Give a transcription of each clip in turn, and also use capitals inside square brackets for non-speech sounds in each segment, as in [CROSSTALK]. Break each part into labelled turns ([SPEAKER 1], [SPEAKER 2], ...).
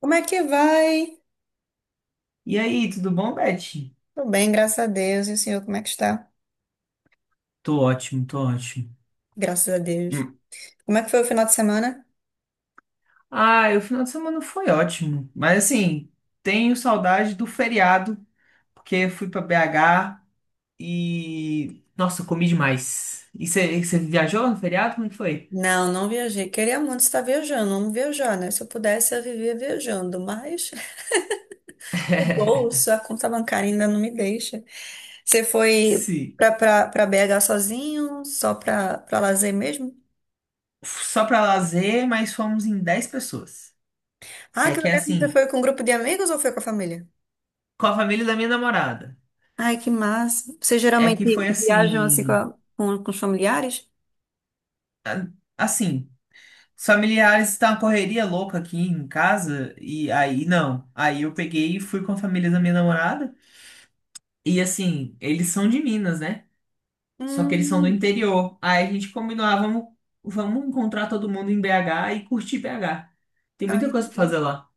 [SPEAKER 1] Como é que vai?
[SPEAKER 2] E aí, tudo bom, Beth?
[SPEAKER 1] Tô bem, graças a Deus. E o senhor, como é que está?
[SPEAKER 2] Tô ótimo, tô ótimo.
[SPEAKER 1] Graças a Deus.
[SPEAKER 2] Hum.
[SPEAKER 1] Como é que foi o final de semana?
[SPEAKER 2] Ah, o final de semana foi ótimo, mas assim, tenho saudade do feriado, porque fui pra BH. Nossa, eu comi demais. E você viajou no feriado? Como é que foi?
[SPEAKER 1] Não, não viajei. Queria muito estar viajando, vamos viajar, né? Se eu pudesse, eu vivia viajando, mas [LAUGHS] o
[SPEAKER 2] [LAUGHS]
[SPEAKER 1] bolso, a conta bancária ainda não me deixa. Você foi
[SPEAKER 2] Sim.
[SPEAKER 1] pra BH sozinho, só pra lazer mesmo?
[SPEAKER 2] Só pra lazer, mas fomos em 10 pessoas.
[SPEAKER 1] Ah,
[SPEAKER 2] É
[SPEAKER 1] que
[SPEAKER 2] que é
[SPEAKER 1] legal. Você
[SPEAKER 2] assim,
[SPEAKER 1] foi com um grupo de amigos ou foi com a família?
[SPEAKER 2] com a família da minha namorada.
[SPEAKER 1] Ai, que massa. Vocês
[SPEAKER 2] É
[SPEAKER 1] geralmente
[SPEAKER 2] que foi
[SPEAKER 1] viajam assim com,
[SPEAKER 2] assim.
[SPEAKER 1] a- com, com os familiares?
[SPEAKER 2] a- Assim, os familiares tá uma correria louca aqui em casa, e aí não. Aí eu peguei e fui com a família da minha namorada. E assim, eles são de Minas, né? Só que eles são do
[SPEAKER 1] Hum,
[SPEAKER 2] interior. Aí a gente combinou, ah, vamos encontrar todo mundo em BH e curtir BH. Tem muita coisa pra
[SPEAKER 1] ai,
[SPEAKER 2] fazer lá.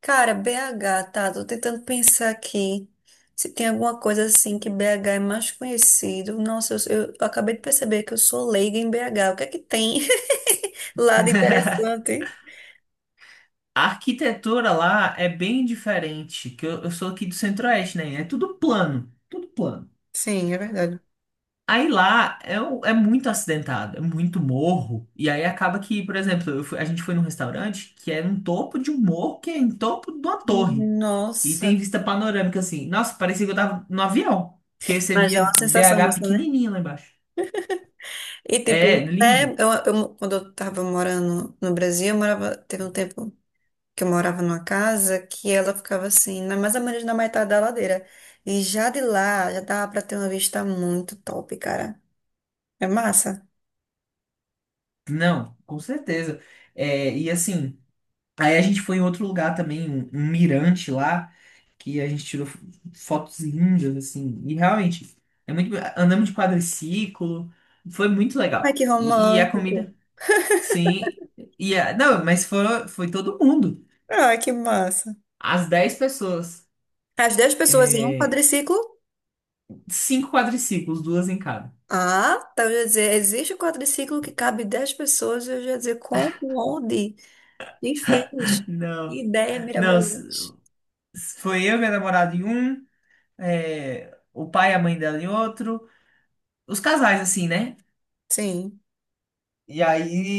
[SPEAKER 1] cara, BH, tá? Tô tentando pensar aqui se tem alguma coisa assim que BH é mais conhecido. Nossa, eu acabei de perceber que eu sou leiga em BH. O que é que tem [LAUGHS] lá de interessante?
[SPEAKER 2] A arquitetura lá é bem diferente, que eu sou aqui do Centro-Oeste, né? É tudo plano, tudo plano.
[SPEAKER 1] Sim, é verdade.
[SPEAKER 2] Aí lá é, o- É muito acidentado, é muito morro. E aí acaba que, por exemplo, a gente foi num restaurante que é no topo de um morro, que é em topo de uma torre. E tem
[SPEAKER 1] Nossa,
[SPEAKER 2] vista panorâmica assim. Nossa, parecia que eu tava no avião. Que aí você
[SPEAKER 1] mas é uma
[SPEAKER 2] via
[SPEAKER 1] sensação
[SPEAKER 2] BH
[SPEAKER 1] massa, né?
[SPEAKER 2] pequenininho lá embaixo.
[SPEAKER 1] E tipo,
[SPEAKER 2] É,
[SPEAKER 1] até
[SPEAKER 2] lindo.
[SPEAKER 1] quando eu tava morando no Brasil, eu morava, teve um tempo que eu morava numa casa que ela ficava assim, mais ou menos na metade da ladeira. E já de lá, já dava pra ter uma vista muito top, cara. É massa?
[SPEAKER 2] Não, com certeza. É, e assim. Aí a gente foi em outro lugar também, um mirante lá, que a gente tirou fotos lindas, assim. E realmente, é muito. Be- Andamos de quadriciclo, foi muito
[SPEAKER 1] Ai,
[SPEAKER 2] legal.
[SPEAKER 1] que
[SPEAKER 2] E a comida,
[SPEAKER 1] romântico.
[SPEAKER 2] sim. E não, mas foi todo mundo.
[SPEAKER 1] Ai, que massa.
[SPEAKER 2] As 10 pessoas.
[SPEAKER 1] As 10 pessoas em um
[SPEAKER 2] É,
[SPEAKER 1] quadriciclo?
[SPEAKER 2] cinco quadriciclos, duas em cada.
[SPEAKER 1] Ah, tá, eu ia dizer, existe um quadriciclo que cabe 10 pessoas, eu ia dizer, como, onde, quem fez? Que
[SPEAKER 2] Não,
[SPEAKER 1] ideia
[SPEAKER 2] não.
[SPEAKER 1] mirabolante.
[SPEAKER 2] Foi eu e minha namorada em um, é, o pai e a mãe dela em outro. Os casais, assim, né?
[SPEAKER 1] Sim.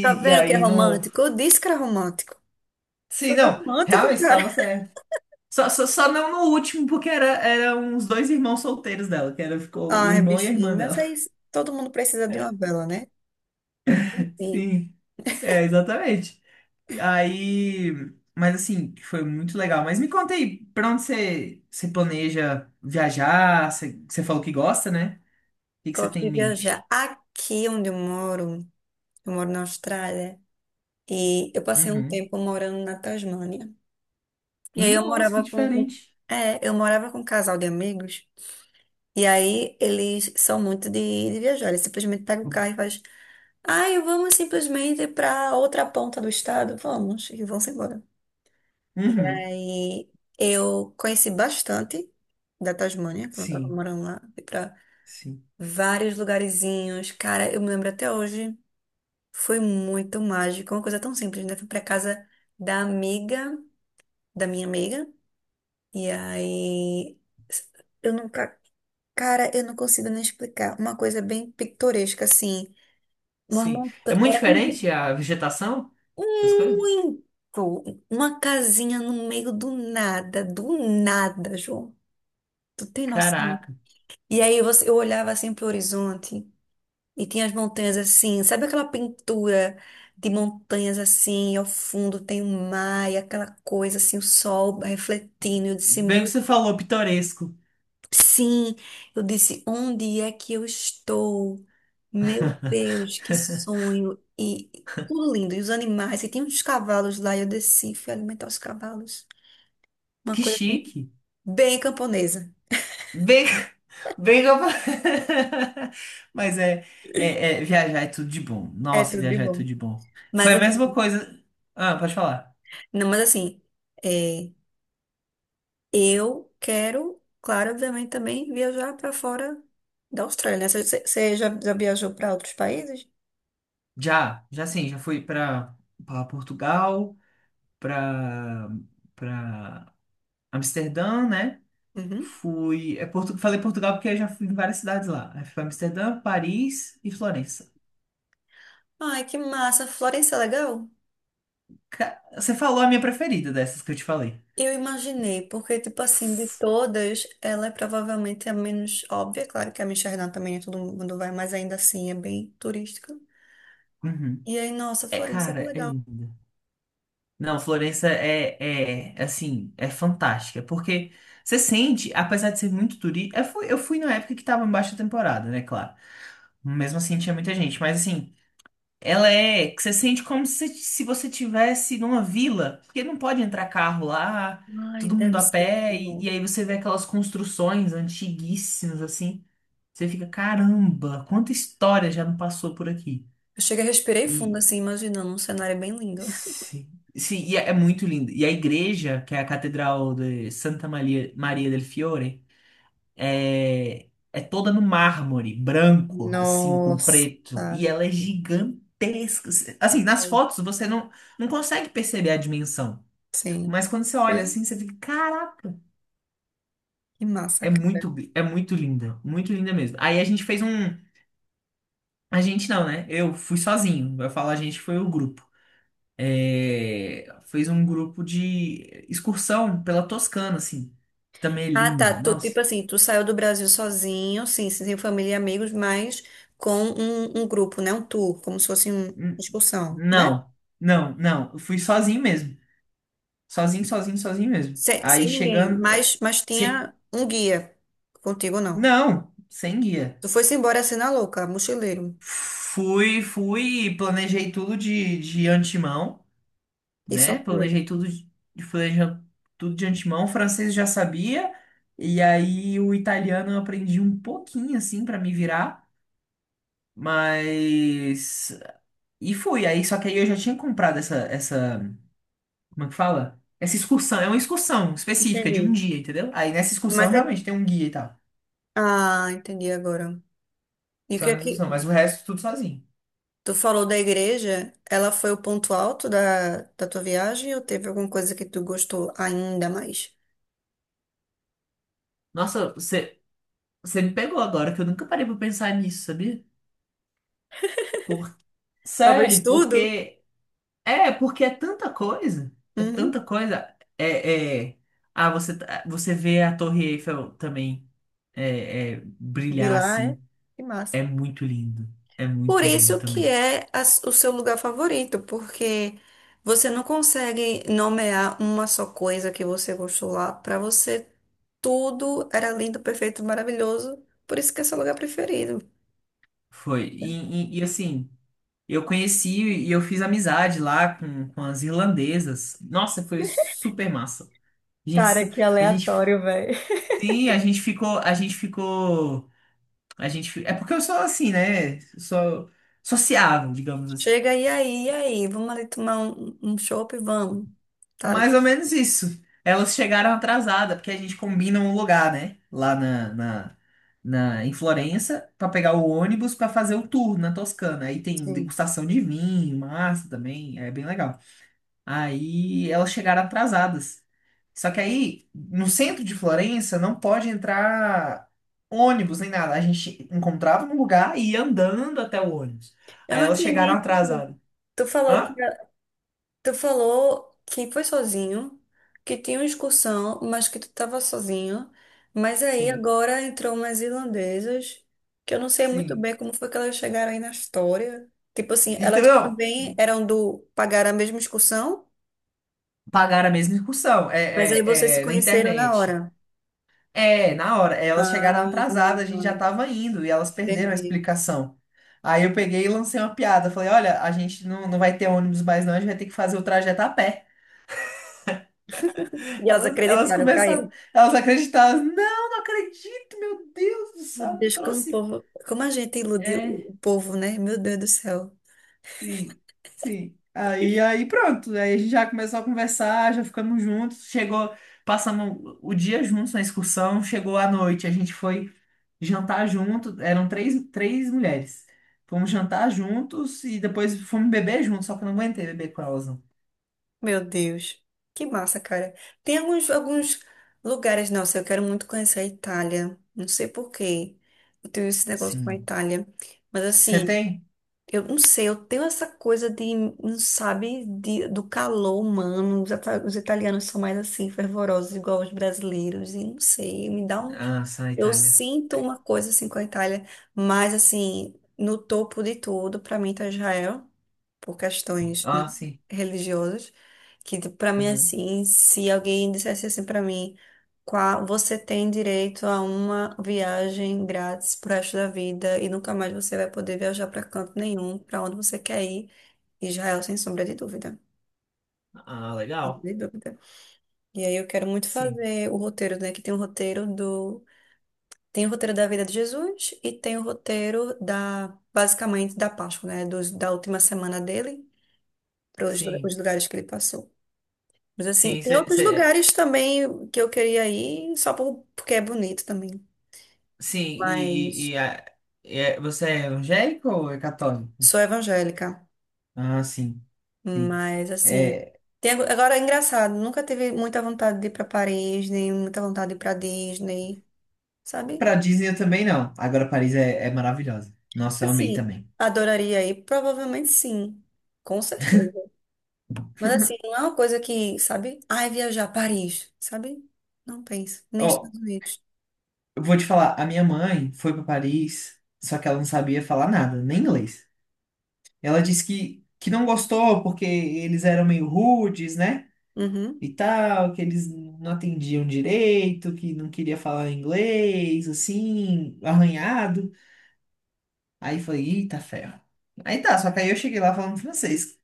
[SPEAKER 1] Tá
[SPEAKER 2] E
[SPEAKER 1] vendo que é
[SPEAKER 2] aí no.
[SPEAKER 1] romântico? Eu disse que era romântico.
[SPEAKER 2] Sim,
[SPEAKER 1] Foi
[SPEAKER 2] não,
[SPEAKER 1] romântico,
[SPEAKER 2] realmente
[SPEAKER 1] cara.
[SPEAKER 2] estava certo. Só não no último, porque era uns dois irmãos solteiros dela, que era, ficou o
[SPEAKER 1] Ai,
[SPEAKER 2] irmão e a
[SPEAKER 1] bichinho,
[SPEAKER 2] irmã
[SPEAKER 1] mas
[SPEAKER 2] dela.
[SPEAKER 1] é isso. Todo mundo precisa de uma
[SPEAKER 2] [LAUGHS]
[SPEAKER 1] vela, né? Sim,
[SPEAKER 2] Sim, é, exatamente. Aí, mas assim, foi muito legal. Mas me conta aí, pra onde você planeja viajar? Você falou que gosta, né? O que, que você
[SPEAKER 1] gosto
[SPEAKER 2] tem em
[SPEAKER 1] de viajar.
[SPEAKER 2] mente?
[SPEAKER 1] Aqui onde eu moro na Austrália, e eu passei um
[SPEAKER 2] Uhum.
[SPEAKER 1] tempo morando na Tasmânia. E aí eu
[SPEAKER 2] Nossa, que
[SPEAKER 1] morava
[SPEAKER 2] diferente.
[SPEAKER 1] é, eu morava com um casal de amigos, e aí eles são muito de viajar, eles simplesmente pegam o carro e faz, ai, vamos simplesmente para outra ponta do estado, vamos, e vão-se embora.
[SPEAKER 2] Uhum.
[SPEAKER 1] Aí eu conheci bastante da Tasmânia, quando eu tava
[SPEAKER 2] Sim,
[SPEAKER 1] morando lá, fui pra
[SPEAKER 2] sim,
[SPEAKER 1] vários lugarzinhos, cara, eu me lembro até hoje, foi muito mágico, uma coisa tão simples, né? Fui pra casa da amiga, da minha amiga, e aí... Eu nunca cara, eu não consigo nem explicar. Uma coisa bem pitoresca, assim. Uma
[SPEAKER 2] sim. É
[SPEAKER 1] montanha.
[SPEAKER 2] muito diferente a vegetação das coisas?
[SPEAKER 1] Muito. Uma casinha no meio do nada, João. Tu tem noção?
[SPEAKER 2] Caraca.
[SPEAKER 1] E aí você, eu olhava assim pro horizonte e tinha as montanhas assim. Sabe aquela pintura de montanhas assim? E ao fundo tem o mar e aquela coisa assim, o sol refletindo. Eu disse,
[SPEAKER 2] Bem que
[SPEAKER 1] meu
[SPEAKER 2] você falou pitoresco.
[SPEAKER 1] sim, eu disse, onde é que eu estou? Meu
[SPEAKER 2] [LAUGHS]
[SPEAKER 1] Deus, que sonho! E tudo lindo, e os animais, e tinha uns cavalos lá, e eu desci, fui alimentar os cavalos. Uma
[SPEAKER 2] Que
[SPEAKER 1] coisa assim,
[SPEAKER 2] chique.
[SPEAKER 1] bem camponesa.
[SPEAKER 2] Bem, bem que eu... [LAUGHS] Mas é, viajar é tudo de bom.
[SPEAKER 1] É
[SPEAKER 2] Nossa,
[SPEAKER 1] tudo de
[SPEAKER 2] viajar é
[SPEAKER 1] bom.
[SPEAKER 2] tudo de bom. Foi
[SPEAKER 1] Mas
[SPEAKER 2] a mesma
[SPEAKER 1] assim,
[SPEAKER 2] coisa. Ah, pode falar.
[SPEAKER 1] não, mas assim, é, eu quero, claro, obviamente também viajar para fora da Austrália, né? Você já, já viajou para outros países?
[SPEAKER 2] Já sim, já fui para Portugal, para para Amsterdã, né?
[SPEAKER 1] Uhum.
[SPEAKER 2] Fui, falei Portugal porque eu já fui em várias cidades lá. Aí fui para Amsterdã, Paris e Florença.
[SPEAKER 1] Ai, que massa! Florença é legal?
[SPEAKER 2] Você falou a minha preferida dessas que eu te falei.
[SPEAKER 1] Eu imaginei, porque, tipo assim, de todas, ela é provavelmente a menos óbvia. Claro que a Amsterdã também é todo mundo vai, mas ainda assim é bem turística.
[SPEAKER 2] Uhum.
[SPEAKER 1] E aí, nossa,
[SPEAKER 2] É,
[SPEAKER 1] Florença, que
[SPEAKER 2] cara, é
[SPEAKER 1] legal.
[SPEAKER 2] linda. Não, Florença é, assim, é fantástica, porque você sente, apesar de ser muito turística, eu fui na época que tava em baixa temporada, né, claro. Mesmo assim tinha muita gente, mas assim, que você sente como se você tivesse numa vila, porque não pode entrar carro lá,
[SPEAKER 1] Ai,
[SPEAKER 2] todo mundo
[SPEAKER 1] deve
[SPEAKER 2] a
[SPEAKER 1] ser muito
[SPEAKER 2] pé,
[SPEAKER 1] bom.
[SPEAKER 2] e aí você vê aquelas construções antiguíssimas, assim, você fica, caramba, quanta história já não passou por aqui.
[SPEAKER 1] Eu cheguei, respirei fundo, assim, imaginando. Um cenário bem lindo.
[SPEAKER 2] Sim, sim, e é muito lindo. E a igreja, que é a Catedral de Santa Maria, Maria del Fiore, é toda no mármore branco, assim, com
[SPEAKER 1] Nossa,
[SPEAKER 2] preto. E ela é gigantesca. Assim, nas
[SPEAKER 1] uau.
[SPEAKER 2] fotos você não consegue perceber a dimensão.
[SPEAKER 1] Sim.
[SPEAKER 2] Mas quando você olha
[SPEAKER 1] Que
[SPEAKER 2] assim, você fica, caraca,
[SPEAKER 1] massa,
[SPEAKER 2] é
[SPEAKER 1] cara.
[SPEAKER 2] muito, é muito linda, muito linda mesmo. Aí a gente fez um. A gente não, né? Eu fui sozinho. Vai falar, a gente foi o grupo. É, fez um grupo de excursão pela Toscana, assim. Também é
[SPEAKER 1] Ah,
[SPEAKER 2] linda,
[SPEAKER 1] tá. Tu,
[SPEAKER 2] nossa.
[SPEAKER 1] tipo assim, tu saiu do Brasil sozinho, sim, sem família e amigos, mas com um, um grupo, né? Um tour, como se fosse uma
[SPEAKER 2] Hum,
[SPEAKER 1] excursão, né?
[SPEAKER 2] Não, não, não. Eu fui sozinho mesmo. Sozinho, sozinho, sozinho mesmo.
[SPEAKER 1] Sem,
[SPEAKER 2] Aí
[SPEAKER 1] sem ninguém,
[SPEAKER 2] chegando.
[SPEAKER 1] mas
[SPEAKER 2] Sem-
[SPEAKER 1] tinha um guia. Contigo não.
[SPEAKER 2] não, sem guia.
[SPEAKER 1] Tu foi-se embora assim na louca, mochileiro.
[SPEAKER 2] Fui, planejei tudo de antemão,
[SPEAKER 1] E só
[SPEAKER 2] né?
[SPEAKER 1] foi.
[SPEAKER 2] Planejei tudo de, planeja- tudo de antemão. O francês eu já sabia. E aí o italiano eu aprendi um pouquinho, assim, pra me virar. Mas. E fui. Aí, só que aí eu já tinha comprado essa. Como é que fala? Essa excursão. É uma excursão específica de um
[SPEAKER 1] Entendi.
[SPEAKER 2] dia, entendeu? Aí nessa excursão
[SPEAKER 1] Mas é...
[SPEAKER 2] realmente tem um guia e tal.
[SPEAKER 1] Ah, entendi agora. E o que
[SPEAKER 2] Só
[SPEAKER 1] é
[SPEAKER 2] nessa
[SPEAKER 1] que
[SPEAKER 2] excursão. Mas o resto tudo sozinho.
[SPEAKER 1] tu falou da igreja? Ela foi o ponto alto da, da tua viagem ou teve alguma coisa que tu gostou ainda mais?
[SPEAKER 2] Nossa, você me pegou agora, que eu nunca parei pra pensar nisso, sabia? Por...
[SPEAKER 1] Talvez
[SPEAKER 2] Sério,
[SPEAKER 1] tudo.
[SPEAKER 2] porque. É, porque é tanta coisa. É
[SPEAKER 1] Uhum.
[SPEAKER 2] tanta coisa. Ah, você vê a Torre Eiffel também é,
[SPEAKER 1] De
[SPEAKER 2] brilhar
[SPEAKER 1] lá, é?
[SPEAKER 2] assim.
[SPEAKER 1] Que massa.
[SPEAKER 2] É muito lindo. É
[SPEAKER 1] Por
[SPEAKER 2] muito lindo
[SPEAKER 1] isso que
[SPEAKER 2] também.
[SPEAKER 1] é o seu lugar favorito, porque você não consegue nomear uma só coisa que você gostou lá. Para você, tudo era lindo, perfeito, maravilhoso. Por isso que é seu lugar preferido.
[SPEAKER 2] Foi. E, assim, eu conheci e eu fiz amizade lá com as irlandesas. Nossa, foi super massa. A gente,
[SPEAKER 1] Cara,
[SPEAKER 2] sa-
[SPEAKER 1] que
[SPEAKER 2] a gente,
[SPEAKER 1] aleatório, velho.
[SPEAKER 2] sim, a gente ficou, a gente ficou, a gente, fi- é porque eu sou assim, né? Sou sociável, digamos assim.
[SPEAKER 1] Chega e aí, vamos ali tomar um, um chopp, vamos. Tá?
[SPEAKER 2] Mais ou menos isso. Elas chegaram atrasada, porque a gente combina um lugar, né? Lá na, na, na- Em Florença, pra pegar o ônibus pra fazer o tour na Toscana. Aí tem
[SPEAKER 1] Sim.
[SPEAKER 2] degustação de vinho, massa também, é bem legal. Aí elas chegaram atrasadas. Só que aí, no centro de Florença, não pode entrar ônibus nem nada. A gente encontrava um lugar e ia andando até o ônibus.
[SPEAKER 1] Eu
[SPEAKER 2] Aí
[SPEAKER 1] não
[SPEAKER 2] elas chegaram
[SPEAKER 1] entendi.
[SPEAKER 2] atrasadas.
[SPEAKER 1] Tu falou que
[SPEAKER 2] Hã?
[SPEAKER 1] tu falou que foi sozinho, que tinha uma excursão, mas que tu estava sozinho. Mas aí
[SPEAKER 2] Sim,
[SPEAKER 1] agora entrou umas irlandesas, que eu não sei muito
[SPEAKER 2] sim.
[SPEAKER 1] bem como foi que elas chegaram aí na história. Tipo assim, elas
[SPEAKER 2] Então,
[SPEAKER 1] também eram do pagar a mesma excursão,
[SPEAKER 2] pagaram a mesma excursão. É,
[SPEAKER 1] mas aí vocês se
[SPEAKER 2] é, é, na
[SPEAKER 1] conheceram na
[SPEAKER 2] internet.
[SPEAKER 1] hora.
[SPEAKER 2] É, na hora. Elas chegaram
[SPEAKER 1] Ah,
[SPEAKER 2] atrasadas, a gente já tava indo e elas perderam a
[SPEAKER 1] entendi.
[SPEAKER 2] explicação. Aí eu peguei e lancei uma piada. Falei, olha, a gente não vai ter ônibus mais não, a gente vai ter que fazer o trajeto a pé.
[SPEAKER 1] E elas
[SPEAKER 2] Elas
[SPEAKER 1] acreditaram,
[SPEAKER 2] começaram,
[SPEAKER 1] caiu.
[SPEAKER 2] elas acreditaram. Não, não acredito, meu Deus do
[SPEAKER 1] Meu
[SPEAKER 2] céu, não
[SPEAKER 1] Deus, como o
[SPEAKER 2] trouxe.
[SPEAKER 1] povo, como a gente iludiu
[SPEAKER 2] É.
[SPEAKER 1] o povo, né? Meu Deus do céu.
[SPEAKER 2] Sim, sim. Aí, pronto. Aí a gente já começou a conversar, já ficamos juntos. Passamos o dia juntos na excursão. Chegou à noite, a gente foi jantar junto. Eram três mulheres. Fomos jantar juntos e depois fomos beber juntos, só que eu não aguentei beber com elas, não.
[SPEAKER 1] Meu Deus, que massa, cara. Tem alguns, alguns lugares, nossa, eu quero muito conhecer a Itália. Não sei por quê. Eu tenho esse negócio com a
[SPEAKER 2] Sim.
[SPEAKER 1] Itália. Mas
[SPEAKER 2] Você
[SPEAKER 1] assim,
[SPEAKER 2] tem?
[SPEAKER 1] eu não sei, eu tenho essa coisa de, não sabe, de, do calor humano. Os, os italianos são mais assim, fervorosos, igual os brasileiros. E não sei, me dá um.
[SPEAKER 2] Ah, só na
[SPEAKER 1] Eu
[SPEAKER 2] Itália.
[SPEAKER 1] sinto uma coisa assim com a Itália, mas assim, no topo de tudo, pra mim tá Israel por questões, né,
[SPEAKER 2] Ah, sim.
[SPEAKER 1] religiosas, que para mim
[SPEAKER 2] Uhum.
[SPEAKER 1] assim, se alguém dissesse assim para mim, qual você tem direito a uma viagem grátis pro resto da vida e nunca mais você vai poder viajar para canto nenhum, para onde você quer ir, Israel sem sombra de dúvida.
[SPEAKER 2] Ah, legal.
[SPEAKER 1] De dúvida. E aí eu quero muito
[SPEAKER 2] Sim,
[SPEAKER 1] fazer o roteiro, né? Que tem o roteiro do. Tem o roteiro da vida de Jesus e tem o roteiro da, basicamente, da Páscoa, né? Dos, da última semana dele, para
[SPEAKER 2] sim,
[SPEAKER 1] os lugares que ele passou. Mas assim,
[SPEAKER 2] sim,
[SPEAKER 1] tem outros lugares também que eu queria ir, só porque é bonito também.
[SPEAKER 2] sim.
[SPEAKER 1] Mas
[SPEAKER 2] Você é evangélico ou é católico?
[SPEAKER 1] sou evangélica.
[SPEAKER 2] Ah, sim. Sim.
[SPEAKER 1] Mas assim,
[SPEAKER 2] É,
[SPEAKER 1] tem, agora é engraçado, nunca tive muita vontade de ir para Paris, nem muita vontade de ir para Disney, sabe?
[SPEAKER 2] pra Disney eu também não. Agora Paris é maravilhosa. Nossa, eu amei
[SPEAKER 1] Assim,
[SPEAKER 2] também.
[SPEAKER 1] adoraria ir, provavelmente sim, com certeza. Mas assim, não é uma coisa que, sabe? Ai, viajar a Paris, sabe? Não penso, nem
[SPEAKER 2] Ó,
[SPEAKER 1] Estados Unidos.
[SPEAKER 2] eu vou te falar, a minha mãe foi pra Paris, só que ela não sabia falar nada, nem inglês. Ela disse que não gostou porque eles eram meio rudes, né?
[SPEAKER 1] Uhum,
[SPEAKER 2] E tal, que eles não atendiam direito, que não queria falar inglês, assim, arranhado. Aí eu falei, eita ferro. Aí tá, só que aí eu cheguei lá falando francês.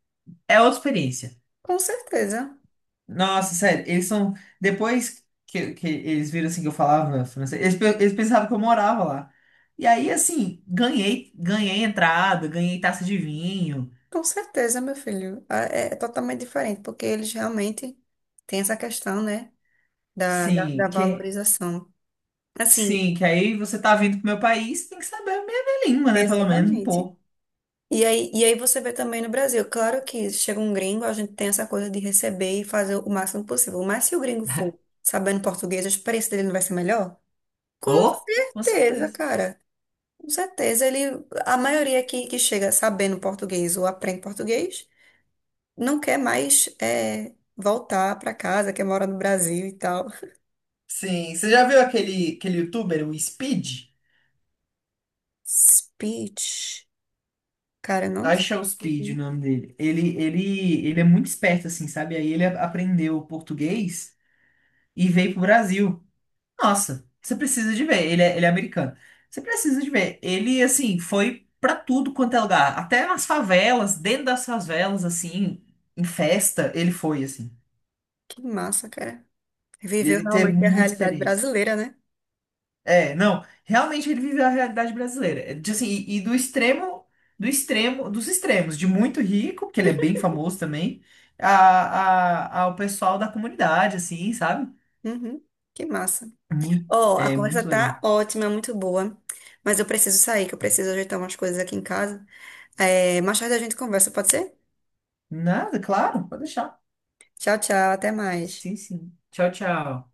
[SPEAKER 2] É outra experiência.
[SPEAKER 1] com certeza.
[SPEAKER 2] Nossa, sério, eles são. Depois que eles viram assim que eu falava francês, eles pensavam que eu morava lá. E aí, assim, ganhei, ganhei entrada, ganhei taça de vinho.
[SPEAKER 1] Com certeza, meu filho. Ah, é é totalmente diferente, porque eles realmente têm essa questão, né, da, da, da
[SPEAKER 2] Sim, que,
[SPEAKER 1] valorização. Assim,
[SPEAKER 2] sim, que aí você tá vindo pro meu país, tem que saber a minha língua, né? Pelo menos um
[SPEAKER 1] exatamente.
[SPEAKER 2] pouco.
[SPEAKER 1] E aí você vê também no Brasil, claro que chega um gringo, a gente tem essa coisa de receber e fazer o máximo possível. Mas se o gringo for sabendo português, a experiência dele não vai ser melhor? Com
[SPEAKER 2] Oh, com
[SPEAKER 1] certeza,
[SPEAKER 2] certeza.
[SPEAKER 1] cara. Com certeza, ele, a maioria que chega sabendo português ou aprende português. Não quer mais é, voltar para casa, quer morar no Brasil e tal.
[SPEAKER 2] Sim, você já viu aquele youtuber, o Speed?
[SPEAKER 1] Speech. Cara, não sei.
[SPEAKER 2] Acho que é o Speed o nome dele. Ele é muito esperto, assim, sabe? Aí ele aprendeu português e veio pro Brasil. Nossa, você precisa de ver. Ele é americano. Você precisa de ver. Ele, assim, foi pra tudo quanto é lugar. Até nas favelas, dentro das favelas, assim, em festa, ele foi, assim.
[SPEAKER 1] Que massa, cara. Viveu
[SPEAKER 2] Ele teve
[SPEAKER 1] realmente a
[SPEAKER 2] muita
[SPEAKER 1] realidade
[SPEAKER 2] experiência.
[SPEAKER 1] brasileira, né?
[SPEAKER 2] É, não, realmente ele viveu a realidade brasileira. É, de, assim, e do extremo, dos extremos, de muito rico, que ele é bem famoso também, ao pessoal da comunidade, assim, sabe?
[SPEAKER 1] Uhum. Que massa.
[SPEAKER 2] Muito,
[SPEAKER 1] Ó, a
[SPEAKER 2] é
[SPEAKER 1] conversa
[SPEAKER 2] muito legal.
[SPEAKER 1] tá ótima, muito boa. Mas eu preciso sair, que eu preciso ajeitar umas coisas aqui em casa. É, mais tarde a gente conversa, pode ser?
[SPEAKER 2] Nada, claro, pode deixar.
[SPEAKER 1] Tchau, tchau, até mais.
[SPEAKER 2] Sim, sim. Tchau, tchau.